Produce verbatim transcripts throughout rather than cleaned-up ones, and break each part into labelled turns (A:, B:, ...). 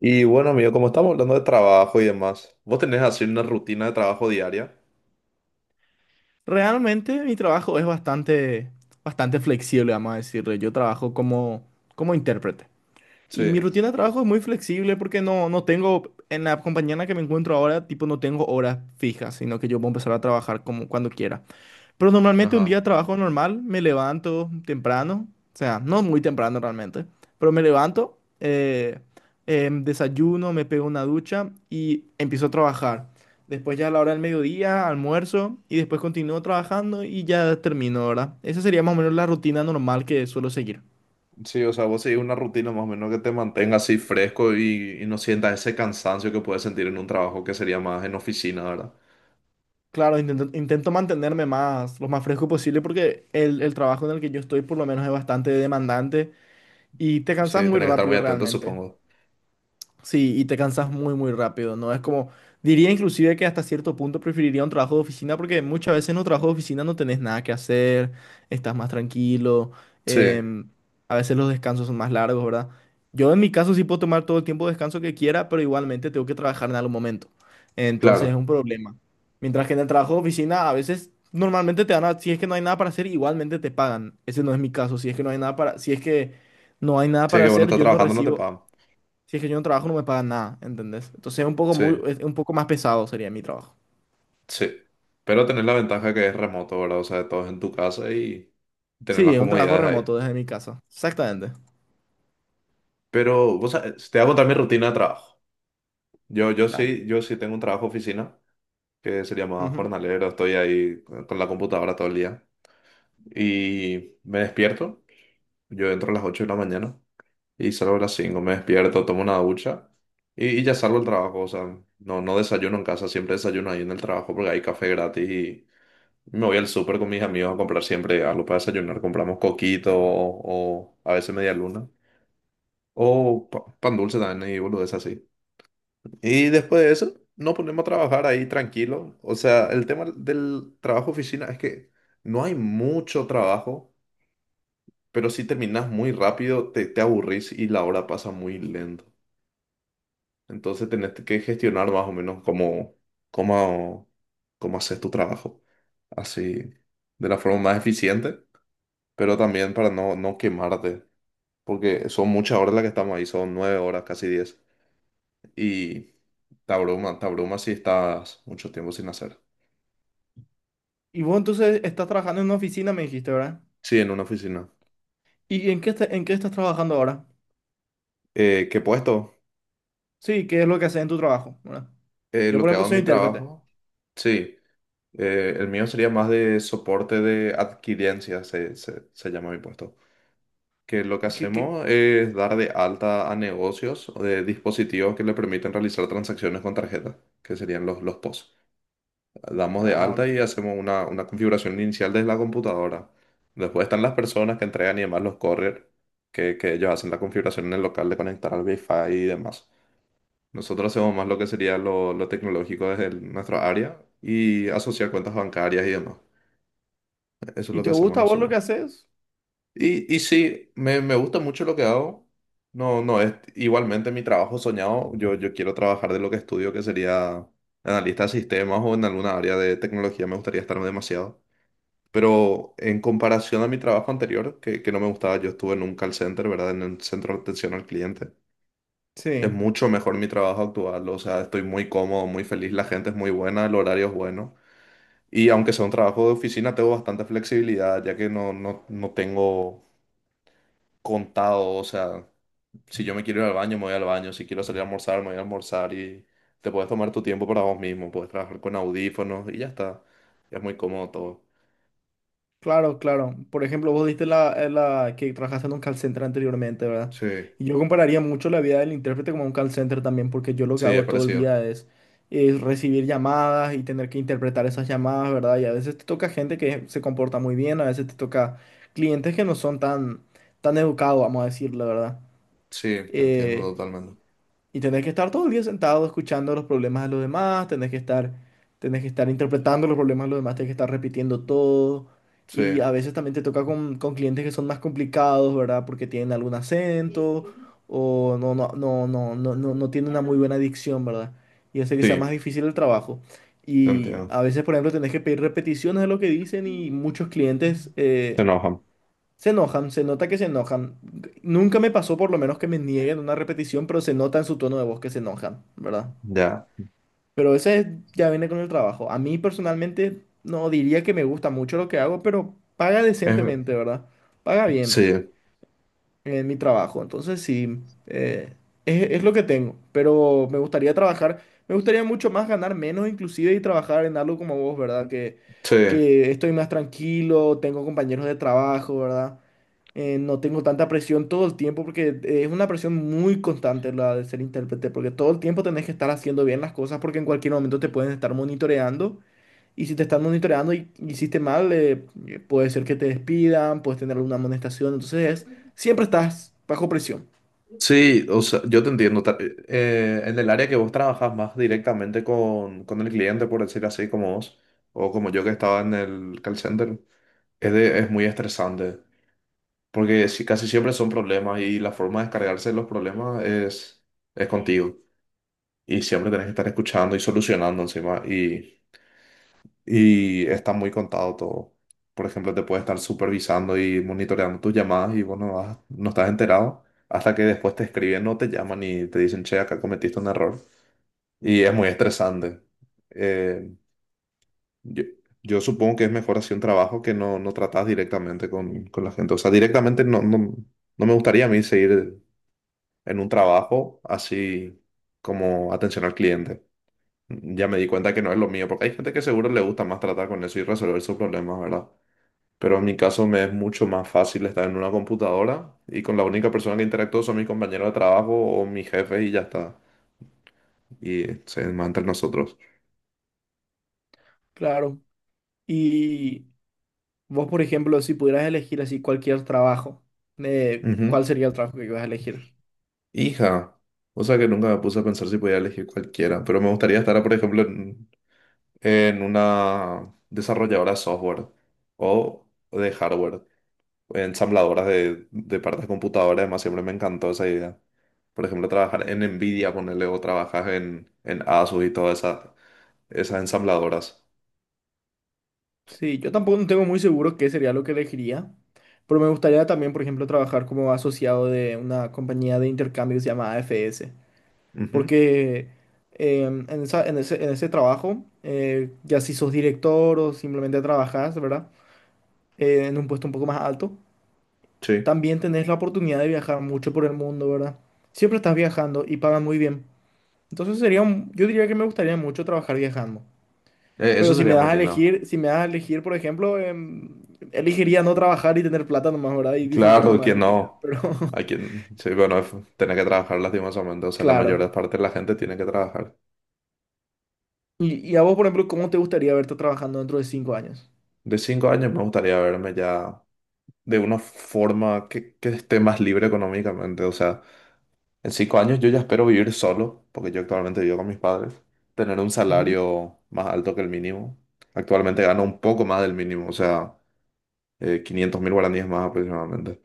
A: Y bueno, amigo, como estamos hablando de trabajo y demás, ¿vos tenés así una rutina de trabajo diaria?
B: Realmente mi trabajo es bastante, bastante flexible, vamos a decirlo. Yo trabajo como, como intérprete. Y mi
A: Sí,
B: rutina de trabajo es muy flexible porque no, no tengo, en la compañía en la que me encuentro ahora, tipo, no tengo horas fijas, sino que yo puedo empezar a trabajar como cuando quiera. Pero normalmente un día
A: ajá.
B: de trabajo normal, me levanto temprano, o sea, no muy temprano realmente, pero me levanto, eh, em, desayuno, me pego una ducha y empiezo a trabajar. Después ya a la hora del mediodía, almuerzo y después continúo trabajando y ya termino, ¿verdad? Esa sería más o menos la rutina normal que suelo seguir.
A: Sí, o sea, vos seguís una rutina más o menos que te mantenga así fresco y, y no sientas ese cansancio que puedes sentir en un trabajo que sería más en oficina, ¿verdad?
B: Claro, intento, intento mantenerme más, lo más fresco posible porque el, el trabajo en el que yo estoy por lo menos es bastante demandante y te cansas
A: Sí,
B: muy
A: tenés que estar muy
B: rápido
A: atento,
B: realmente.
A: supongo.
B: Sí, y te cansas muy, muy rápido, ¿no? Es como, diría inclusive que hasta cierto punto preferiría un trabajo de oficina porque muchas veces en un trabajo de oficina no tenés nada que hacer, estás más tranquilo,
A: Sí,
B: em, a veces los descansos son más largos, ¿verdad? Yo en mi caso sí puedo tomar todo el tiempo de descanso que quiera, pero igualmente tengo que trabajar en algún momento. Entonces es
A: claro.
B: un problema. Mientras que en el trabajo de oficina a veces normalmente te dan, a- si es que no hay nada para hacer, igualmente te pagan. Ese no es mi caso, si es que no hay nada para, si es que no hay nada
A: Sí,
B: para
A: que bueno,
B: hacer,
A: estás
B: yo no
A: trabajando, no te
B: recibo.
A: pagan.
B: Si es que yo no trabajo, no me pagan nada, ¿entendés? Entonces es un poco
A: Sí,
B: muy, es un poco más pesado sería mi trabajo.
A: sí. Pero tenés la ventaja que es remoto, ¿verdad? O sea, todo es en tu casa y tener
B: Sí,
A: las
B: es un trabajo
A: comodidades ahí.
B: remoto desde mi casa. Exactamente.
A: Pero, o sea, te voy a contar mi rutina de trabajo. Yo, yo
B: Dale.
A: sí, yo sí tengo un trabajo de oficina, que sería más
B: Ujú.
A: jornalero, estoy ahí con con la computadora todo el día. Y me despierto, yo entro a las ocho de la mañana y salgo a las cinco. Me despierto, tomo una ducha y, y ya salgo al trabajo, o sea, no, no desayuno en casa, siempre desayuno ahí en el trabajo porque hay café gratis y me voy al súper con mis amigos a comprar siempre algo para desayunar. Compramos coquito o, o a veces media luna o pa- pan dulce también y boludeces así. Y después de eso, nos ponemos a trabajar ahí tranquilo. O sea, el tema del trabajo oficina es que no hay mucho trabajo, pero si terminas muy rápido, te, te aburrís y la hora pasa muy lento. Entonces tenés que gestionar más o menos cómo, cómo, cómo haces tu trabajo. Así, de la forma más eficiente, pero también para no, no quemarte. Porque son muchas horas las que estamos ahí, son nueve horas, casi diez. Y te abruma, te abruma si estás mucho tiempo sin hacer.
B: Y vos entonces estás trabajando en una oficina, me dijiste, ¿verdad?
A: Sí, en una oficina.
B: ¿Y en qué, esta- en qué estás trabajando ahora?
A: Eh, ¿qué puesto?
B: Sí, ¿qué es lo que haces en tu trabajo, ¿verdad?
A: Eh,
B: Yo,
A: lo
B: por
A: que
B: ejemplo,
A: hago en
B: soy
A: mi
B: intérprete.
A: trabajo. Sí, eh, el mío sería más de soporte de adquirencia, se, se- se llama mi puesto. Que lo que
B: ¿Qué, qué?
A: hacemos es dar de alta a negocios o de dispositivos que le permiten realizar transacciones con tarjeta, que serían los, los P O S. Damos de
B: Ah,
A: alta y
B: ok.
A: hacemos una, una configuración inicial desde la computadora. Después están las personas que entregan y demás los correr, que, que ellos hacen la configuración en el local de conectar al Wi-Fi y demás. Nosotros hacemos más lo que sería lo, lo tecnológico desde el- nuestra área y asociar cuentas bancarias y demás. Eso es
B: ¿Y
A: lo que
B: te
A: hacemos
B: gusta a vos lo
A: nosotros.
B: que haces?
A: Y, y sí, me, me gusta mucho lo que hago. No, no es igualmente mi trabajo soñado. Yo, yo quiero trabajar de lo que estudio, que sería analista de sistemas o en alguna área de tecnología. Me gustaría estar demasiado. Pero en comparación a mi trabajo anterior, que, que no me gustaba, yo estuve en un call center, ¿verdad? En el centro de atención al cliente. Es
B: Sí.
A: mucho mejor mi trabajo actual, o sea, estoy muy cómodo, muy feliz, la gente es muy buena, el horario es bueno. Y aunque sea un trabajo de oficina, tengo bastante flexibilidad, ya que no, no, no tengo contado, o sea, si yo me quiero ir al baño, me voy al baño, si quiero salir a almorzar, me voy a almorzar y te puedes tomar tu tiempo para vos mismo, puedes trabajar con audífonos y ya está. Es muy cómodo todo.
B: Claro, claro. Por ejemplo, vos diste la, eh, la que trabajaste en un call center anteriormente, ¿verdad?
A: Sí,
B: Y yo compararía mucho la vida del intérprete como un call center también, porque yo lo que
A: sí, es
B: hago todo el
A: parecido.
B: día es, es recibir llamadas y tener que interpretar esas llamadas, ¿verdad? Y a veces te toca gente que se comporta muy bien, a veces te toca clientes que no son tan, tan educados, vamos a decirlo, ¿verdad?
A: Sí, te entiendo
B: Eh,
A: totalmente.
B: y tenés que estar todo el día sentado escuchando los problemas de los demás, tenés que estar, tenés que estar interpretando los problemas de los demás, tenés que estar repitiendo todo.
A: Sí,
B: Y a veces también te toca con, con clientes que son más complicados, ¿verdad? Porque tienen algún acento o no, no, no, no, no, no, no tienen una muy buena dicción, ¿verdad? Y hace que sea más
A: sí,
B: difícil el trabajo.
A: te
B: Y
A: entiendo.
B: a veces, por ejemplo, tenés que pedir repeticiones de lo que dicen y muchos clientes...
A: Se
B: eh,
A: enojan.
B: Se enojan, se nota que se enojan. Nunca me pasó por lo menos que me nieguen una repetición, pero se nota en su tono de voz que se enojan, ¿verdad?
A: Ya.
B: Pero ese ya viene con el trabajo. A mí personalmente no diría que me gusta mucho lo que hago, pero paga
A: Es-
B: decentemente, ¿verdad? Paga
A: sí,
B: bien en mi trabajo. Entonces sí, eh, es, es lo que tengo, pero me gustaría trabajar, me gustaría mucho más ganar menos inclusive y trabajar en algo como vos, ¿verdad? Que,
A: sí.
B: que estoy más tranquilo, tengo compañeros de trabajo, ¿verdad? Eh, no tengo tanta presión todo el tiempo porque es una presión muy constante la de ser intérprete, porque todo el tiempo tenés que estar haciendo bien las cosas porque en cualquier momento te pueden estar monitoreando y si te están monitoreando y y hiciste mal, eh, eh, puede ser que te despidan, puedes tener alguna amonestación. Entonces, siempre estás bajo presión.
A: Sí, o sea, yo te entiendo. Ta- eh, en el área que vos trabajas más directamente con, con el cliente, por decir así, como vos, o como yo que estaba en el call center, es, de- es muy estresante, porque si, casi siempre son problemas y la forma de descargarse de los problemas es, es contigo. Y siempre tenés que estar escuchando y solucionando encima. Y y está muy contado todo. Por ejemplo, te puede estar supervisando y monitoreando tus llamadas y vos no, vas- no estás enterado hasta que después te escriben o te llaman y te dicen, che, acá cometiste un error. Y es muy estresante. Eh, yo, yo supongo que es mejor así un trabajo que no, no tratas directamente con, con la gente. O sea, directamente no, no, no me gustaría a mí seguir en un trabajo así como atención al cliente. Ya me di cuenta que no es lo mío, porque hay gente que seguro le gusta más tratar con eso y resolver sus problemas, ¿verdad? Pero en mi caso me es mucho más fácil estar en una computadora y con la única persona que interactúo son mis compañeros de trabajo o mis jefes y ya está. Y se demás entre nosotros.
B: Claro. Y vos, por ejemplo, si pudieras elegir así cualquier trabajo, eh,
A: Ujú.
B: ¿cuál sería el trabajo que ibas a elegir?
A: Hija, o sea que nunca me puse a pensar si podía elegir cualquiera, pero me gustaría estar, por ejemplo, en, en una desarrolladora de software o de hardware. Ensambladoras de, de partes de computadora, además siempre me encantó esa idea. Por ejemplo, trabajar en Nvidia, ponerle o trabajas en, en Asus y todas esa- esas ensambladoras.
B: Sí, yo tampoco no tengo muy seguro qué sería lo que elegiría, pero me gustaría también, por ejemplo, trabajar como asociado de una compañía de intercambio que se llama A F S.
A: Ujú,
B: Porque eh, en esa- en ese, en ese trabajo, eh, ya si sos director o simplemente trabajás, ¿verdad? Eh, en un puesto un poco más alto,
A: sí,
B: también tenés la oportunidad de viajar mucho por el mundo, ¿verdad? Siempre estás viajando y pagan muy bien. Entonces sería un- yo diría que me gustaría mucho trabajar viajando.
A: eh, eso
B: Pero si me
A: sería
B: das
A: muy
B: a
A: lindo.
B: elegir, si me das a elegir, por ejemplo, em, elegiría no trabajar y tener plata nomás, ¿verdad? Y disfrutar
A: Claro,
B: nomás
A: que
B: de mi vida.
A: no.
B: Pero
A: A quien, sí, bueno, f- tiene que trabajar lastimosamente, o sea, la
B: claro.
A: mayor parte de la gente tiene que trabajar.
B: Y, y a vos, por ejemplo, ¿cómo te gustaría verte trabajando dentro de cinco años?
A: De cinco años me gustaría verme ya de una forma que, que esté más libre económicamente, o sea. En cinco años yo ya espero vivir solo, porque yo actualmente vivo con mis padres, tener un
B: Ujú.
A: salario más alto que el mínimo. Actualmente gano un poco más del mínimo, o sea, eh, quinientos mil guaraníes más aproximadamente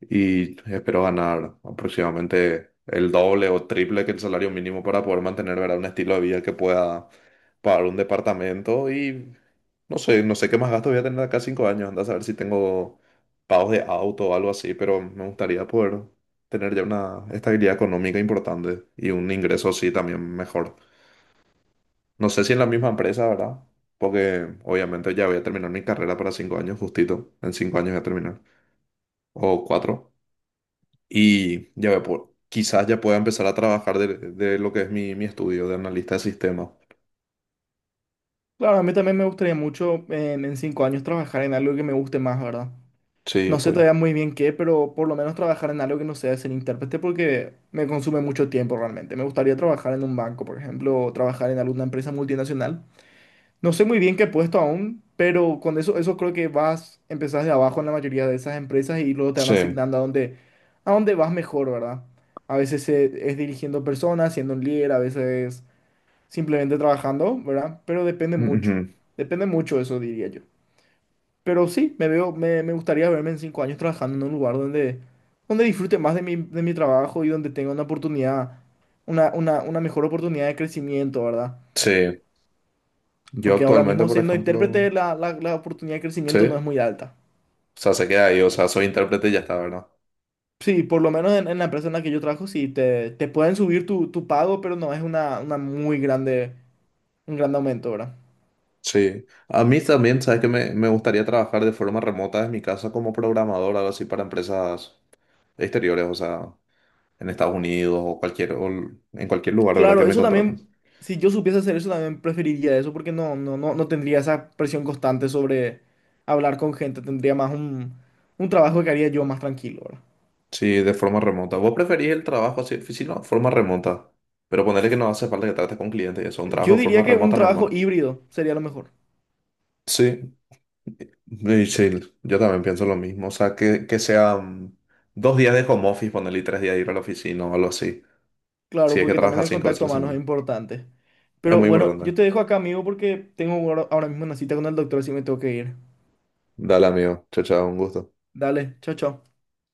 A: y espero ganar aproximadamente el doble o triple que el salario mínimo para poder mantener, ¿verdad? Un estilo de vida que pueda pagar un departamento y no sé, no sé qué más gastos voy a tener acá cinco años, anda a saber si tengo pagos de auto o algo así, pero me gustaría poder tener ya una estabilidad económica importante y un ingreso así también mejor. No sé si en la misma empresa, ¿verdad? Porque obviamente ya voy a terminar mi carrera para cinco años, justito. En cinco años voy a terminar. O cuatro y ya ve, por- quizás ya pueda empezar a trabajar de, de lo que es mi, mi estudio de analista de sistemas.
B: Claro, a mí también me gustaría mucho eh, en cinco años trabajar en algo que me guste más, ¿verdad?
A: Sí,
B: No sé
A: obvio.
B: todavía muy bien qué, pero por lo menos trabajar en algo que no sea ser intérprete porque me consume mucho tiempo realmente. Me gustaría trabajar en un banco, por ejemplo, o trabajar en alguna empresa multinacional. No sé muy bien qué puesto aún, pero con eso, eso creo que vas, empezás de abajo en la mayoría de esas empresas y luego te van
A: Sí.
B: asignando a dónde, a dónde vas mejor, ¿verdad? A veces eh, es dirigiendo personas, siendo un líder, a veces simplemente trabajando, ¿verdad? Pero depende mucho,
A: Ujú,
B: depende mucho eso, diría yo. Pero sí, me veo, me, me gustaría verme en cinco años trabajando en un lugar donde, donde disfrute más de mi, de mi trabajo y donde tenga una oportunidad, una, una, una mejor oportunidad de crecimiento, ¿verdad?
A: sí. Yo
B: Porque ahora
A: actualmente,
B: mismo
A: por
B: siendo
A: ejemplo,
B: intérprete la, la, la oportunidad de crecimiento no es
A: sí.
B: muy alta.
A: O sea, se queda ahí, o sea, soy intérprete y ya está, ¿verdad?
B: Sí, por lo menos en, en la empresa en la que yo trabajo, sí, te, te pueden subir tu, tu pago, pero no es una, una muy grande, un gran aumento, ¿verdad?
A: Sí. A mí también, ¿sabes que Me, me gustaría trabajar de forma remota desde mi casa como programador, algo así, para empresas exteriores, o sea, en Estados Unidos o cualquier, o en cualquier lugar, ¿verdad? Que
B: Claro,
A: me
B: eso
A: contraten.
B: también, si yo supiese hacer eso, también preferiría eso porque no, no, no, no tendría esa presión constante sobre hablar con gente, tendría más un, un trabajo que haría yo más tranquilo, ¿verdad?
A: Sí, de forma remota. ¿Vos preferís el trabajo así, oficina, o forma remota? Pero ponerle que no hace falta que trates con clientes y eso, un trabajo
B: Yo
A: de forma
B: diría que un
A: remota normal.
B: trabajo híbrido sería lo mejor,
A: Sí, y sí, yo también pienso lo mismo. O sea, que, que sean dos días de home office, ponerle y tres días de ir a la oficina o algo así. Si
B: claro,
A: es que
B: porque también
A: trabajas
B: el
A: cinco veces a
B: contacto
A: la
B: humano es
A: semana.
B: importante.
A: Es
B: Pero
A: muy
B: bueno, yo
A: importante.
B: te dejo acá, amigo, porque tengo ahora ahora mismo una cita con el doctor, así me tengo que ir.
A: Dale, amigo. Chao, chao, un gusto.
B: Dale, chao, chao.